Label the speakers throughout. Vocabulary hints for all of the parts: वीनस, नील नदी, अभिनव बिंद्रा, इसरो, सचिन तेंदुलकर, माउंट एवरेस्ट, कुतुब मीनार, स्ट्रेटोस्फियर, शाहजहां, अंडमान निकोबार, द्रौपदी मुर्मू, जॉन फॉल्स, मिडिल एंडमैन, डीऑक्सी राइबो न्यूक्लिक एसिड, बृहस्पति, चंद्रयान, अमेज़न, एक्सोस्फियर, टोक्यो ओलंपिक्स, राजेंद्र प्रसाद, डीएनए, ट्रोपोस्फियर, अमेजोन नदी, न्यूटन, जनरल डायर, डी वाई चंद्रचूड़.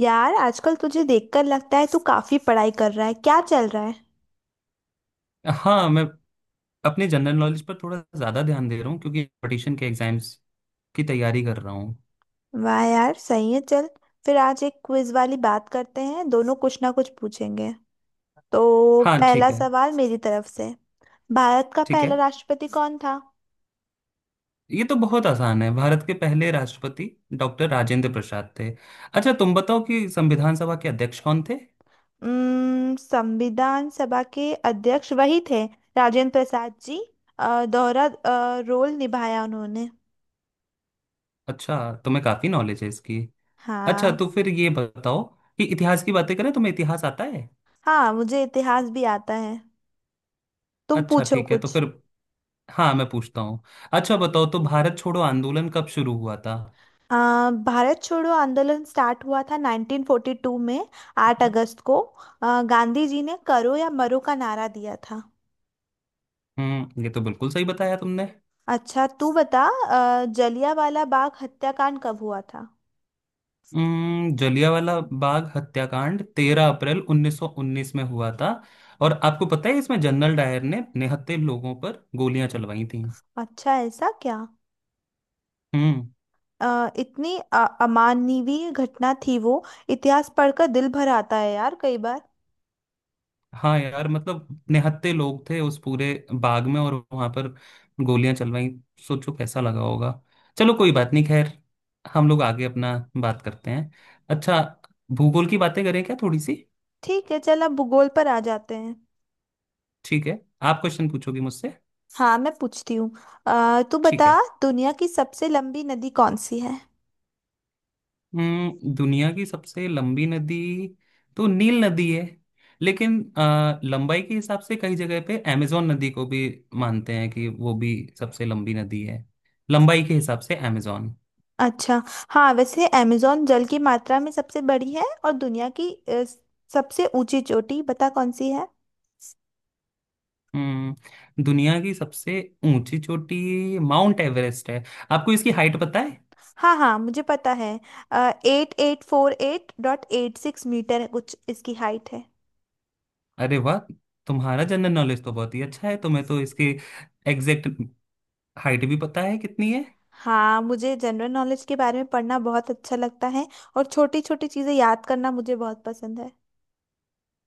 Speaker 1: यार, आजकल तुझे देखकर लगता है तू काफी पढ़ाई कर रहा है। क्या चल रहा है?
Speaker 2: हाँ मैं अपने जनरल नॉलेज पर थोड़ा ज्यादा ध्यान दे रहा हूँ क्योंकि कंपटीशन के एग्जाम्स की तैयारी कर रहा हूँ।
Speaker 1: वाह यार, सही है। चल, फिर आज एक क्विज वाली बात करते हैं। दोनों कुछ ना कुछ पूछेंगे तो
Speaker 2: हाँ ठीक
Speaker 1: पहला
Speaker 2: है।
Speaker 1: सवाल मेरी तरफ से। भारत का
Speaker 2: ठीक है।
Speaker 1: पहला राष्ट्रपति कौन था?
Speaker 2: ये तो बहुत आसान है। भारत के पहले राष्ट्रपति डॉक्टर राजेंद्र प्रसाद थे। अच्छा तुम बताओ कि संविधान सभा के अध्यक्ष कौन थे।
Speaker 1: संविधान सभा के अध्यक्ष वही थे। राजेंद्र प्रसाद जी। दोहरा रोल निभाया उन्होंने।
Speaker 2: अच्छा तुम्हें काफी नॉलेज है इसकी। अच्छा तो
Speaker 1: हाँ।
Speaker 2: फिर ये बताओ कि इतिहास की बातें करें। तुम्हें इतिहास आता है।
Speaker 1: हाँ, मुझे इतिहास भी आता है। तुम
Speaker 2: अच्छा
Speaker 1: पूछो
Speaker 2: ठीक है तो
Speaker 1: कुछ।
Speaker 2: फिर हाँ मैं पूछता हूँ। अच्छा बताओ तो भारत छोड़ो आंदोलन कब शुरू हुआ था।
Speaker 1: अ, भारत छोड़ो आंदोलन स्टार्ट हुआ था 1942 में। 8 अगस्त को गांधी जी ने करो या मरो का नारा दिया था।
Speaker 2: ये तो बिल्कुल सही बताया तुमने।
Speaker 1: अच्छा, तू बता जलियांवाला बाग हत्याकांड कब हुआ था?
Speaker 2: जलियांवाला बाग हत्याकांड 13 अप्रैल 1919 में हुआ था। और आपको पता है इसमें जनरल डायर ने निहत्थे लोगों पर गोलियां चलवाई थी।
Speaker 1: अच्छा, ऐसा क्या?
Speaker 2: हम्म।
Speaker 1: इतनी अमानवीय घटना थी वो। इतिहास पढ़कर दिल भर आता है यार, कई बार।
Speaker 2: हाँ यार मतलब निहत्थे लोग थे उस पूरे बाग में और वहां पर गोलियां चलवाई। सोचो कैसा लगा होगा। चलो कोई बात नहीं खैर। हम लोग आगे अपना बात करते हैं। अच्छा भूगोल की बातें करें क्या थोड़ी सी।
Speaker 1: ठीक है, चल अब भूगोल पर आ जाते हैं।
Speaker 2: ठीक है आप क्वेश्चन पूछोगी मुझसे।
Speaker 1: हाँ, मैं पूछती हूँ। तू
Speaker 2: ठीक
Speaker 1: बता,
Speaker 2: है।
Speaker 1: दुनिया की सबसे लंबी नदी कौन सी है?
Speaker 2: दुनिया की सबसे लंबी नदी तो नील नदी है। लेकिन लंबाई के हिसाब से कई जगह पे अमेजोन नदी को भी मानते हैं कि वो भी सबसे लंबी नदी है। लंबाई के हिसाब से अमेजोन।
Speaker 1: अच्छा। हाँ, वैसे अमेज़न जल की मात्रा में सबसे बड़ी है। और दुनिया की सबसे ऊंची चोटी बता कौन सी है?
Speaker 2: दुनिया की सबसे ऊंची चोटी माउंट एवरेस्ट है। आपको इसकी हाइट पता है।
Speaker 1: हाँ हाँ, मुझे पता है। 8848.86 मीटर है कुछ, इसकी हाइट है।
Speaker 2: अरे वाह। तुम्हारा जनरल नॉलेज तो बहुत ही अच्छा है। तुम्हें तो इसकी एग्जैक्ट हाइट भी पता है कितनी है।
Speaker 1: हाँ, मुझे जनरल नॉलेज के बारे में पढ़ना बहुत अच्छा लगता है। और छोटी छोटी चीज़ें याद करना मुझे बहुत पसंद है।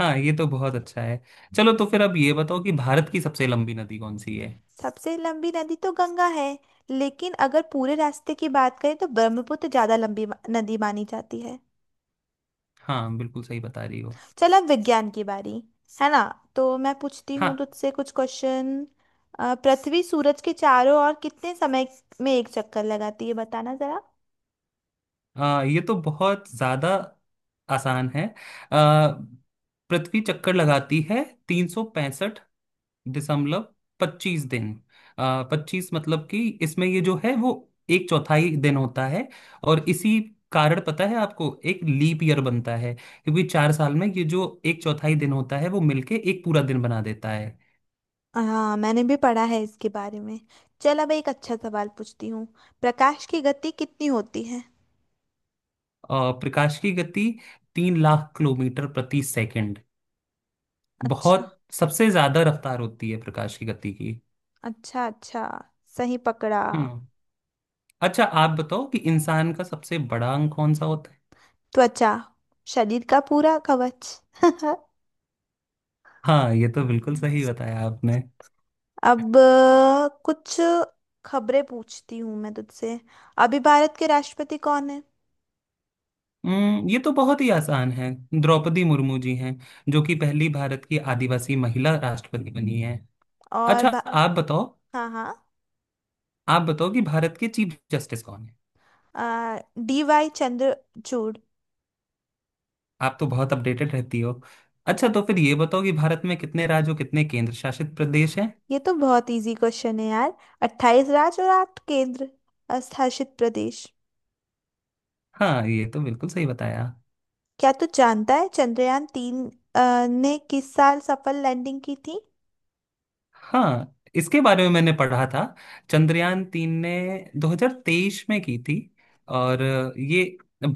Speaker 2: हाँ ये तो बहुत अच्छा है। चलो तो फिर अब ये बताओ कि भारत की सबसे लंबी नदी कौन सी है।
Speaker 1: सबसे लंबी नदी तो गंगा है, लेकिन अगर पूरे रास्ते की बात करें तो ब्रह्मपुत्र ज़्यादा लंबी नदी मानी जाती है।
Speaker 2: हाँ बिल्कुल सही बता रही हो।
Speaker 1: चल, अब विज्ञान की बारी है ना। तो मैं पूछती
Speaker 2: हाँ
Speaker 1: हूँ तुझसे कुछ क्वेश्चन। पृथ्वी सूरज के चारों ओर कितने समय में एक चक्कर लगाती है, बताना जरा।
Speaker 2: ये तो बहुत ज्यादा आसान है। आ, पृथ्वी चक्कर लगाती है 365.25 दिन। पच्चीस मतलब कि इसमें ये जो है वो एक चौथाई दिन होता है। और इसी कारण पता है आपको एक लीप ईयर बनता है क्योंकि 4 साल में ये जो एक चौथाई दिन होता है वो मिलके एक पूरा दिन बना देता है।
Speaker 1: हाँ, मैंने भी पढ़ा है इसके बारे में। चल, अब एक अच्छा सवाल पूछती हूँ। प्रकाश की गति कितनी होती है?
Speaker 2: प्रकाश की गति 3 लाख किलोमीटर प्रति सेकंड।
Speaker 1: अच्छा
Speaker 2: बहुत सबसे ज्यादा रफ्तार होती है प्रकाश की गति की।
Speaker 1: अच्छा। अच्छा, सही पकड़ा।
Speaker 2: हम्म। अच्छा आप बताओ कि इंसान का सबसे बड़ा अंग कौन सा होता है।
Speaker 1: त्वचा। शरीर का पूरा कवच।
Speaker 2: हाँ ये तो बिल्कुल सही बताया आपने।
Speaker 1: अब कुछ खबरें पूछती हूँ मैं तुझसे। अभी भारत के राष्ट्रपति कौन है?
Speaker 2: ये तो बहुत ही आसान है। द्रौपदी मुर्मू जी हैं जो कि पहली भारत की आदिवासी महिला राष्ट्रपति बनी है।
Speaker 1: और
Speaker 2: अच्छा आप बताओ
Speaker 1: हाँ हाँ।
Speaker 2: आप बताओ कि भारत के चीफ जस्टिस कौन है।
Speaker 1: डी वाई चंद्रचूड़।
Speaker 2: आप तो बहुत अपडेटेड रहती हो। अच्छा तो फिर ये बताओ कि भारत में कितने राज्य और कितने केंद्र शासित प्रदेश हैं।
Speaker 1: ये तो बहुत इजी क्वेश्चन है यार। 28 राज्य और आठ केंद्र शासित प्रदेश।
Speaker 2: हाँ ये तो बिल्कुल सही बताया।
Speaker 1: क्या तू जानता है चंद्रयान 3 ने किस साल सफल लैंडिंग की थी?
Speaker 2: हाँ इसके बारे में मैंने पढ़ा था। चंद्रयान तीन ने 2023 में की थी। और ये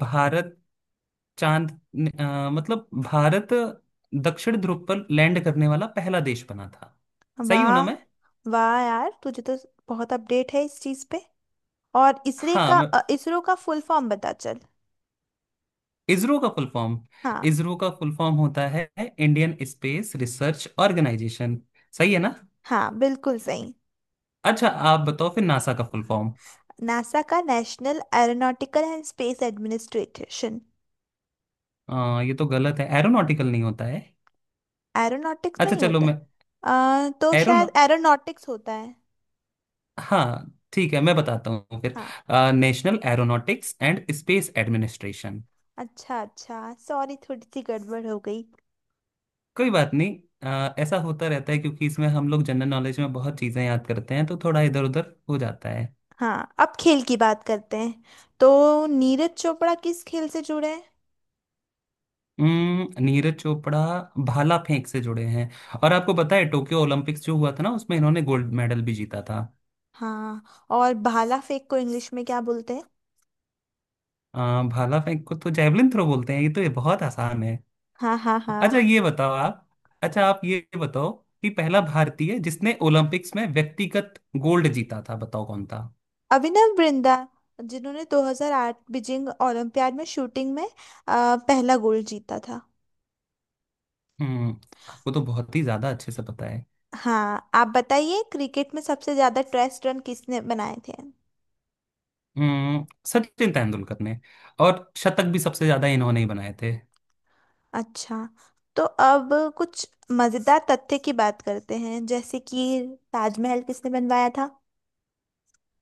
Speaker 2: भारत चांद मतलब भारत दक्षिण ध्रुव पर लैंड करने वाला पहला देश बना था। सही हूं ना
Speaker 1: वाह।
Speaker 2: मैं।
Speaker 1: वाह यार, तुझे तो बहुत अपडेट है इस चीज पे। और
Speaker 2: हाँ मैं
Speaker 1: इसरो का फुल फॉर्म बता चल।
Speaker 2: इसरो का फुल फॉर्म।
Speaker 1: हाँ
Speaker 2: इसरो का फुल फॉर्म होता है इंडियन स्पेस रिसर्च ऑर्गेनाइजेशन। सही है ना।
Speaker 1: हाँ, बिल्कुल सही।
Speaker 2: अच्छा आप बताओ फिर नासा का फुल फॉर्म।
Speaker 1: नासा का National Aeronautical and Space administration.
Speaker 2: ये तो गलत है एरोनॉटिकल नहीं होता है।
Speaker 1: एरोनॉटिक्स
Speaker 2: अच्छा
Speaker 1: नहीं
Speaker 2: चलो
Speaker 1: होता।
Speaker 2: मैं
Speaker 1: तो
Speaker 2: एरोन
Speaker 1: शायद एरोनॉटिक्स होता है।
Speaker 2: हाँ ठीक है मैं बताता हूँ फिर।
Speaker 1: हाँ।
Speaker 2: National Aeronautics and Space Administration.
Speaker 1: अच्छा अच्छा, सॉरी थोड़ी सी गड़बड़ हो गई।
Speaker 2: कोई बात नहीं। ऐसा होता रहता है क्योंकि इसमें हम लोग जनरल नॉलेज में बहुत चीजें याद करते हैं तो थोड़ा इधर उधर हो जाता है।
Speaker 1: हाँ, अब खेल की बात करते हैं। तो नीरज चोपड़ा किस खेल से जुड़े हैं?
Speaker 2: नीरज चोपड़ा भाला फेंक से जुड़े हैं। और आपको पता है टोक्यो ओलंपिक्स जो हुआ था ना उसमें इन्होंने गोल्ड मेडल भी जीता था।
Speaker 1: हाँ, और भाला फेंक को इंग्लिश में क्या बोलते हैं?
Speaker 2: अ, भाला फेंक को तो जैवलिन थ्रो बोलते हैं। ये तो ये बहुत आसान है।
Speaker 1: हाँ हाँ
Speaker 2: अच्छा
Speaker 1: हाँ।
Speaker 2: ये बताओ आप। अच्छा आप ये बताओ कि पहला भारतीय जिसने ओलंपिक्स में व्यक्तिगत गोल्ड जीता था बताओ कौन था।
Speaker 1: अभिनव बिंद्रा, जिन्होंने 2008 बीजिंग ओलंपियाड में शूटिंग में पहला गोल्ड जीता था।
Speaker 2: हम्म। आपको तो बहुत ही ज्यादा अच्छे से पता है।
Speaker 1: हाँ, आप बताइए, क्रिकेट में सबसे ज्यादा टेस्ट रन किसने बनाए थे?
Speaker 2: सचिन तेंदुलकर ने। और शतक भी सबसे ज्यादा इन्होंने ही बनाए थे।
Speaker 1: अच्छा। तो अब कुछ मजेदार तथ्य की बात करते हैं, जैसे कि ताजमहल किसने बनवाया था?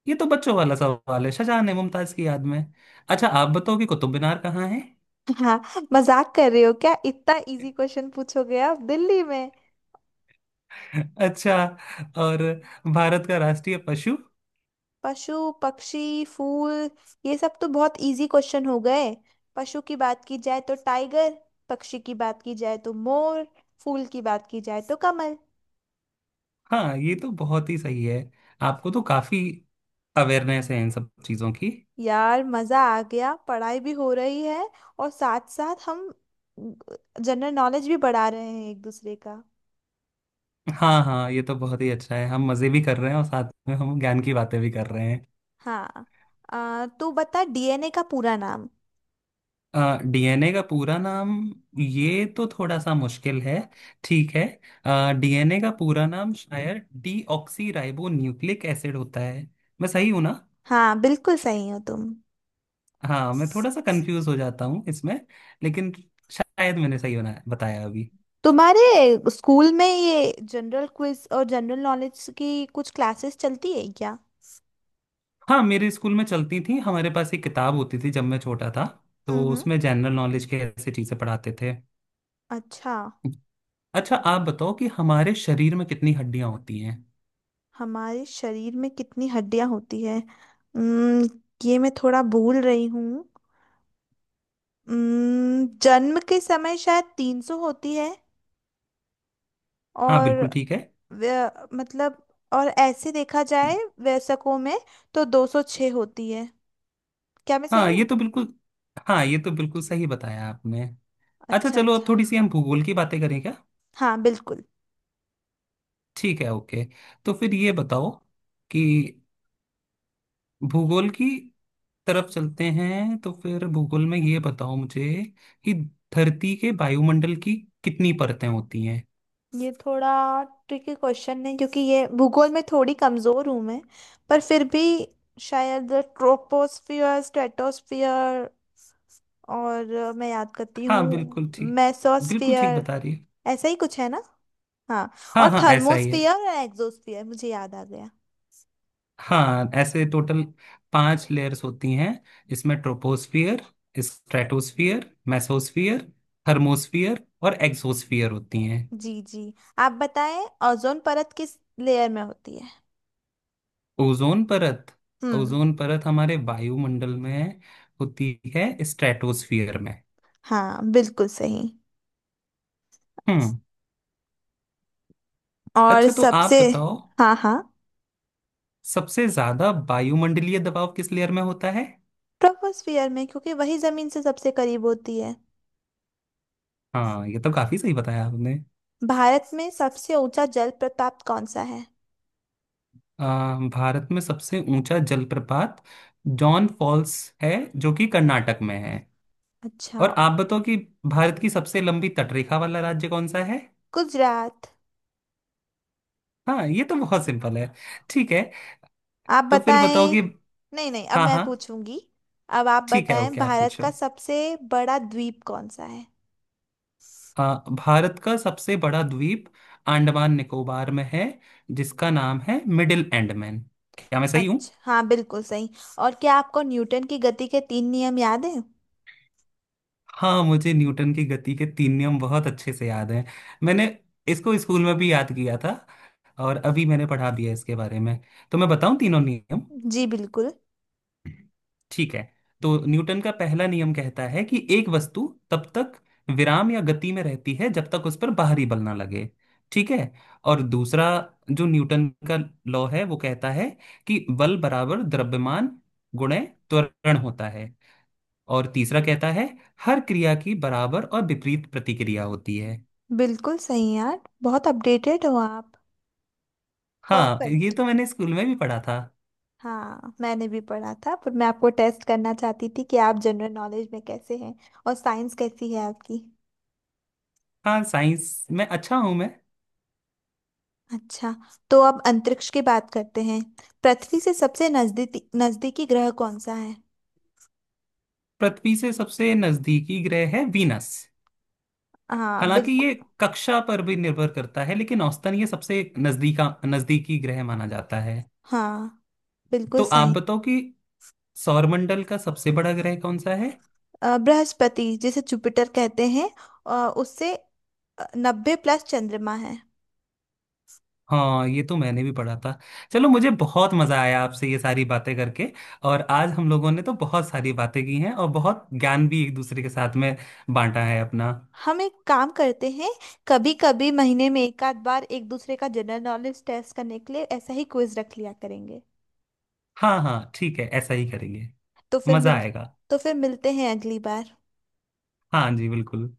Speaker 2: ये तो बच्चों वाला सवाल है। शाहजहां ने मुमताज की याद में। अच्छा आप बताओ कि कुतुब मीनार कहाँ है।
Speaker 1: हाँ, मजाक कर रहे हो क्या? इतना इजी क्वेश्चन पूछोगे आप? दिल्ली में।
Speaker 2: अच्छा। और भारत का राष्ट्रीय पशु।
Speaker 1: पशु, पक्षी, फूल, ये सब तो बहुत इजी क्वेश्चन हो गए। पशु की बात की जाए तो टाइगर, पक्षी की बात की जाए तो मोर, फूल की बात की जाए तो कमल।
Speaker 2: हाँ ये तो बहुत ही सही है। आपको तो काफी अवेयरनेस है इन सब चीजों की।
Speaker 1: यार, मजा आ गया, पढ़ाई भी हो रही है और साथ साथ हम जनरल नॉलेज भी बढ़ा रहे हैं एक दूसरे का।
Speaker 2: हाँ हाँ ये तो बहुत ही अच्छा है। हम मजे भी कर रहे हैं और साथ में हम ज्ञान की बातें भी कर रहे हैं।
Speaker 1: हाँ। तू बता, डीएनए का पूरा नाम।
Speaker 2: डीएनए का पूरा नाम। ये तो थोड़ा सा मुश्किल है। ठीक है। डीएनए का पूरा नाम शायद डीऑक्सी राइबो न्यूक्लिक एसिड होता है। मैं सही हूं ना।
Speaker 1: हाँ, बिल्कुल सही हो तुम।
Speaker 2: हाँ मैं थोड़ा सा कंफ्यूज हो जाता हूँ इसमें। लेकिन शायद मैंने सही बना बताया अभी।
Speaker 1: तुम्हारे स्कूल में ये जनरल क्विज और जनरल नॉलेज की कुछ क्लासेस चलती है क्या?
Speaker 2: हाँ मेरे स्कूल में चलती थी। हमारे पास एक किताब होती थी जब मैं छोटा था तो
Speaker 1: हम्म।
Speaker 2: उसमें जनरल नॉलेज के ऐसी चीजें पढ़ाते थे।
Speaker 1: अच्छा,
Speaker 2: अच्छा आप बताओ कि हमारे शरीर में कितनी हड्डियां होती हैं।
Speaker 1: हमारे शरीर में कितनी हड्डियां होती है? हम्म, ये मैं थोड़ा भूल रही हूँ। जन्म के समय शायद 300 होती है।
Speaker 2: हाँ
Speaker 1: और
Speaker 2: बिल्कुल ठीक है।
Speaker 1: मतलब, और ऐसे देखा जाए, वयस्कों में तो 206 होती है। क्या मैं
Speaker 2: हाँ
Speaker 1: सही
Speaker 2: ये
Speaker 1: हूँ?
Speaker 2: तो बिल्कुल हाँ ये तो बिल्कुल सही बताया आपने। अच्छा
Speaker 1: अच्छा
Speaker 2: चलो अब
Speaker 1: अच्छा।
Speaker 2: थोड़ी सी हम भूगोल की बातें करें क्या।
Speaker 1: हाँ, बिल्कुल।
Speaker 2: ठीक है ओके। तो फिर ये बताओ कि भूगोल की तरफ चलते हैं। तो फिर भूगोल में ये बताओ मुझे कि धरती के वायुमंडल की कितनी परतें होती हैं।
Speaker 1: ये थोड़ा ट्रिकी क्वेश्चन है क्योंकि ये भूगोल में थोड़ी कमजोर हूँ मैं। पर फिर भी, शायद ट्रोपोस्फियर, स्ट्रेटोस्फियर और मैं याद करती
Speaker 2: हाँ
Speaker 1: हूँ।
Speaker 2: बिल्कुल ठीक। बिल्कुल ठीक
Speaker 1: मेसोस्फियर।
Speaker 2: बता रही है।
Speaker 1: ऐसा ही कुछ है ना? हाँ, और
Speaker 2: हाँ हाँ ऐसा ही है।
Speaker 1: थर्मोस्फियर और एक्सोस्फियर मुझे याद आ गया।
Speaker 2: हाँ ऐसे टोटल पांच लेयर्स होती हैं। इसमें ट्रोपोस्फियर स्ट्रेटोस्फियर मेसोस्फियर थर्मोस्फियर और एक्सोस्फियर होती हैं।
Speaker 1: जी जी, आप बताएं। ओजोन परत किस लेयर में होती है?
Speaker 2: ओजोन परत।
Speaker 1: हम्म।
Speaker 2: ओजोन परत हमारे वायुमंडल में होती है स्ट्रेटोस्फियर में।
Speaker 1: हाँ, बिल्कुल सही।
Speaker 2: हम्म।
Speaker 1: और
Speaker 2: अच्छा तो
Speaker 1: सबसे।
Speaker 2: आप बताओ
Speaker 1: हाँ हाँ।
Speaker 2: सबसे ज्यादा वायुमंडलीय दबाव किस लेयर में होता है।
Speaker 1: ट्रोपोस्फियर में, क्योंकि वही जमीन से सबसे करीब होती है।
Speaker 2: हाँ ये तो काफी सही बताया आपने।
Speaker 1: भारत में सबसे ऊंचा जल प्रपात कौन सा है?
Speaker 2: भारत में सबसे ऊंचा जलप्रपात जॉन फॉल्स है जो कि कर्नाटक में है।
Speaker 1: अच्छा।
Speaker 2: और आप बताओ कि भारत की सबसे लंबी तटरेखा वाला राज्य कौन सा है।
Speaker 1: गुजरात।
Speaker 2: हाँ ये तो बहुत सिंपल है। ठीक है।
Speaker 1: आप
Speaker 2: तो फिर बताओ
Speaker 1: बताएं।
Speaker 2: कि
Speaker 1: नहीं नहीं, अब
Speaker 2: हाँ
Speaker 1: मैं
Speaker 2: हाँ
Speaker 1: पूछूंगी। अब आप
Speaker 2: ठीक है
Speaker 1: बताएं,
Speaker 2: ओके आप
Speaker 1: भारत का
Speaker 2: पूछो।
Speaker 1: सबसे बड़ा द्वीप कौन सा है?
Speaker 2: भारत का सबसे बड़ा द्वीप अंडमान निकोबार में है जिसका नाम है मिडिल एंडमैन। क्या मैं सही हूँ।
Speaker 1: अच्छा, हाँ बिल्कुल सही। और क्या आपको न्यूटन की गति के तीन नियम याद हैं?
Speaker 2: हाँ मुझे न्यूटन की गति के तीन नियम बहुत अच्छे से याद हैं। मैंने इसको स्कूल में भी याद किया था और अभी मैंने पढ़ा दिया इसके बारे में। तो मैं बताऊं तीनों नियम।
Speaker 1: जी बिल्कुल।
Speaker 2: ठीक है। तो न्यूटन का पहला नियम कहता है कि एक वस्तु तब तक विराम या गति में रहती है जब तक उस पर बाहरी बल ना लगे। ठीक है। और दूसरा जो न्यूटन का लॉ है वो कहता है कि बल बराबर द्रव्यमान गुणे त्वरण होता है। और तीसरा कहता है हर क्रिया की बराबर और विपरीत प्रतिक्रिया होती है।
Speaker 1: बिल्कुल सही यार, बहुत अपडेटेड हो आप।
Speaker 2: हाँ ये
Speaker 1: परफेक्ट।
Speaker 2: तो मैंने स्कूल में भी पढ़ा था।
Speaker 1: हाँ, मैंने भी पढ़ा था पर मैं आपको टेस्ट करना चाहती थी कि आप जनरल नॉलेज में कैसे हैं और साइंस कैसी है आपकी।
Speaker 2: हाँ साइंस में अच्छा हूं मैं।
Speaker 1: अच्छा। तो अब अंतरिक्ष की बात करते हैं। पृथ्वी से सबसे नजदीकी नजदीकी ग्रह कौन सा है?
Speaker 2: पृथ्वी से सबसे नजदीकी ग्रह है वीनस।
Speaker 1: हाँ
Speaker 2: हालांकि ये
Speaker 1: बिल्कुल।
Speaker 2: कक्षा पर भी निर्भर करता है लेकिन औसतन ये सबसे नजदीका नजदीकी ग्रह माना जाता है।
Speaker 1: हाँ, बिल्कुल
Speaker 2: तो आप
Speaker 1: सही।
Speaker 2: बताओ कि सौरमंडल का सबसे बड़ा ग्रह कौन सा है।
Speaker 1: बृहस्पति, जिसे जुपिटर कहते हैं। उससे 90+ चंद्रमा है।
Speaker 2: हाँ ये तो मैंने भी पढ़ा था। चलो मुझे बहुत मजा आया आपसे ये सारी बातें करके। और आज हम लोगों ने तो बहुत सारी बातें की हैं और बहुत ज्ञान भी एक दूसरे के साथ में बांटा है अपना।
Speaker 1: हम एक काम करते हैं। कभी कभी महीने में एक आध बार एक दूसरे का जनरल नॉलेज टेस्ट करने के लिए ऐसा ही क्विज रख लिया करेंगे।
Speaker 2: हाँ हाँ ठीक है ऐसा ही करेंगे।
Speaker 1: तो फिर
Speaker 2: मजा
Speaker 1: मिल
Speaker 2: आएगा।
Speaker 1: तो फिर मिलते हैं अगली बार।
Speaker 2: हाँ जी बिल्कुल।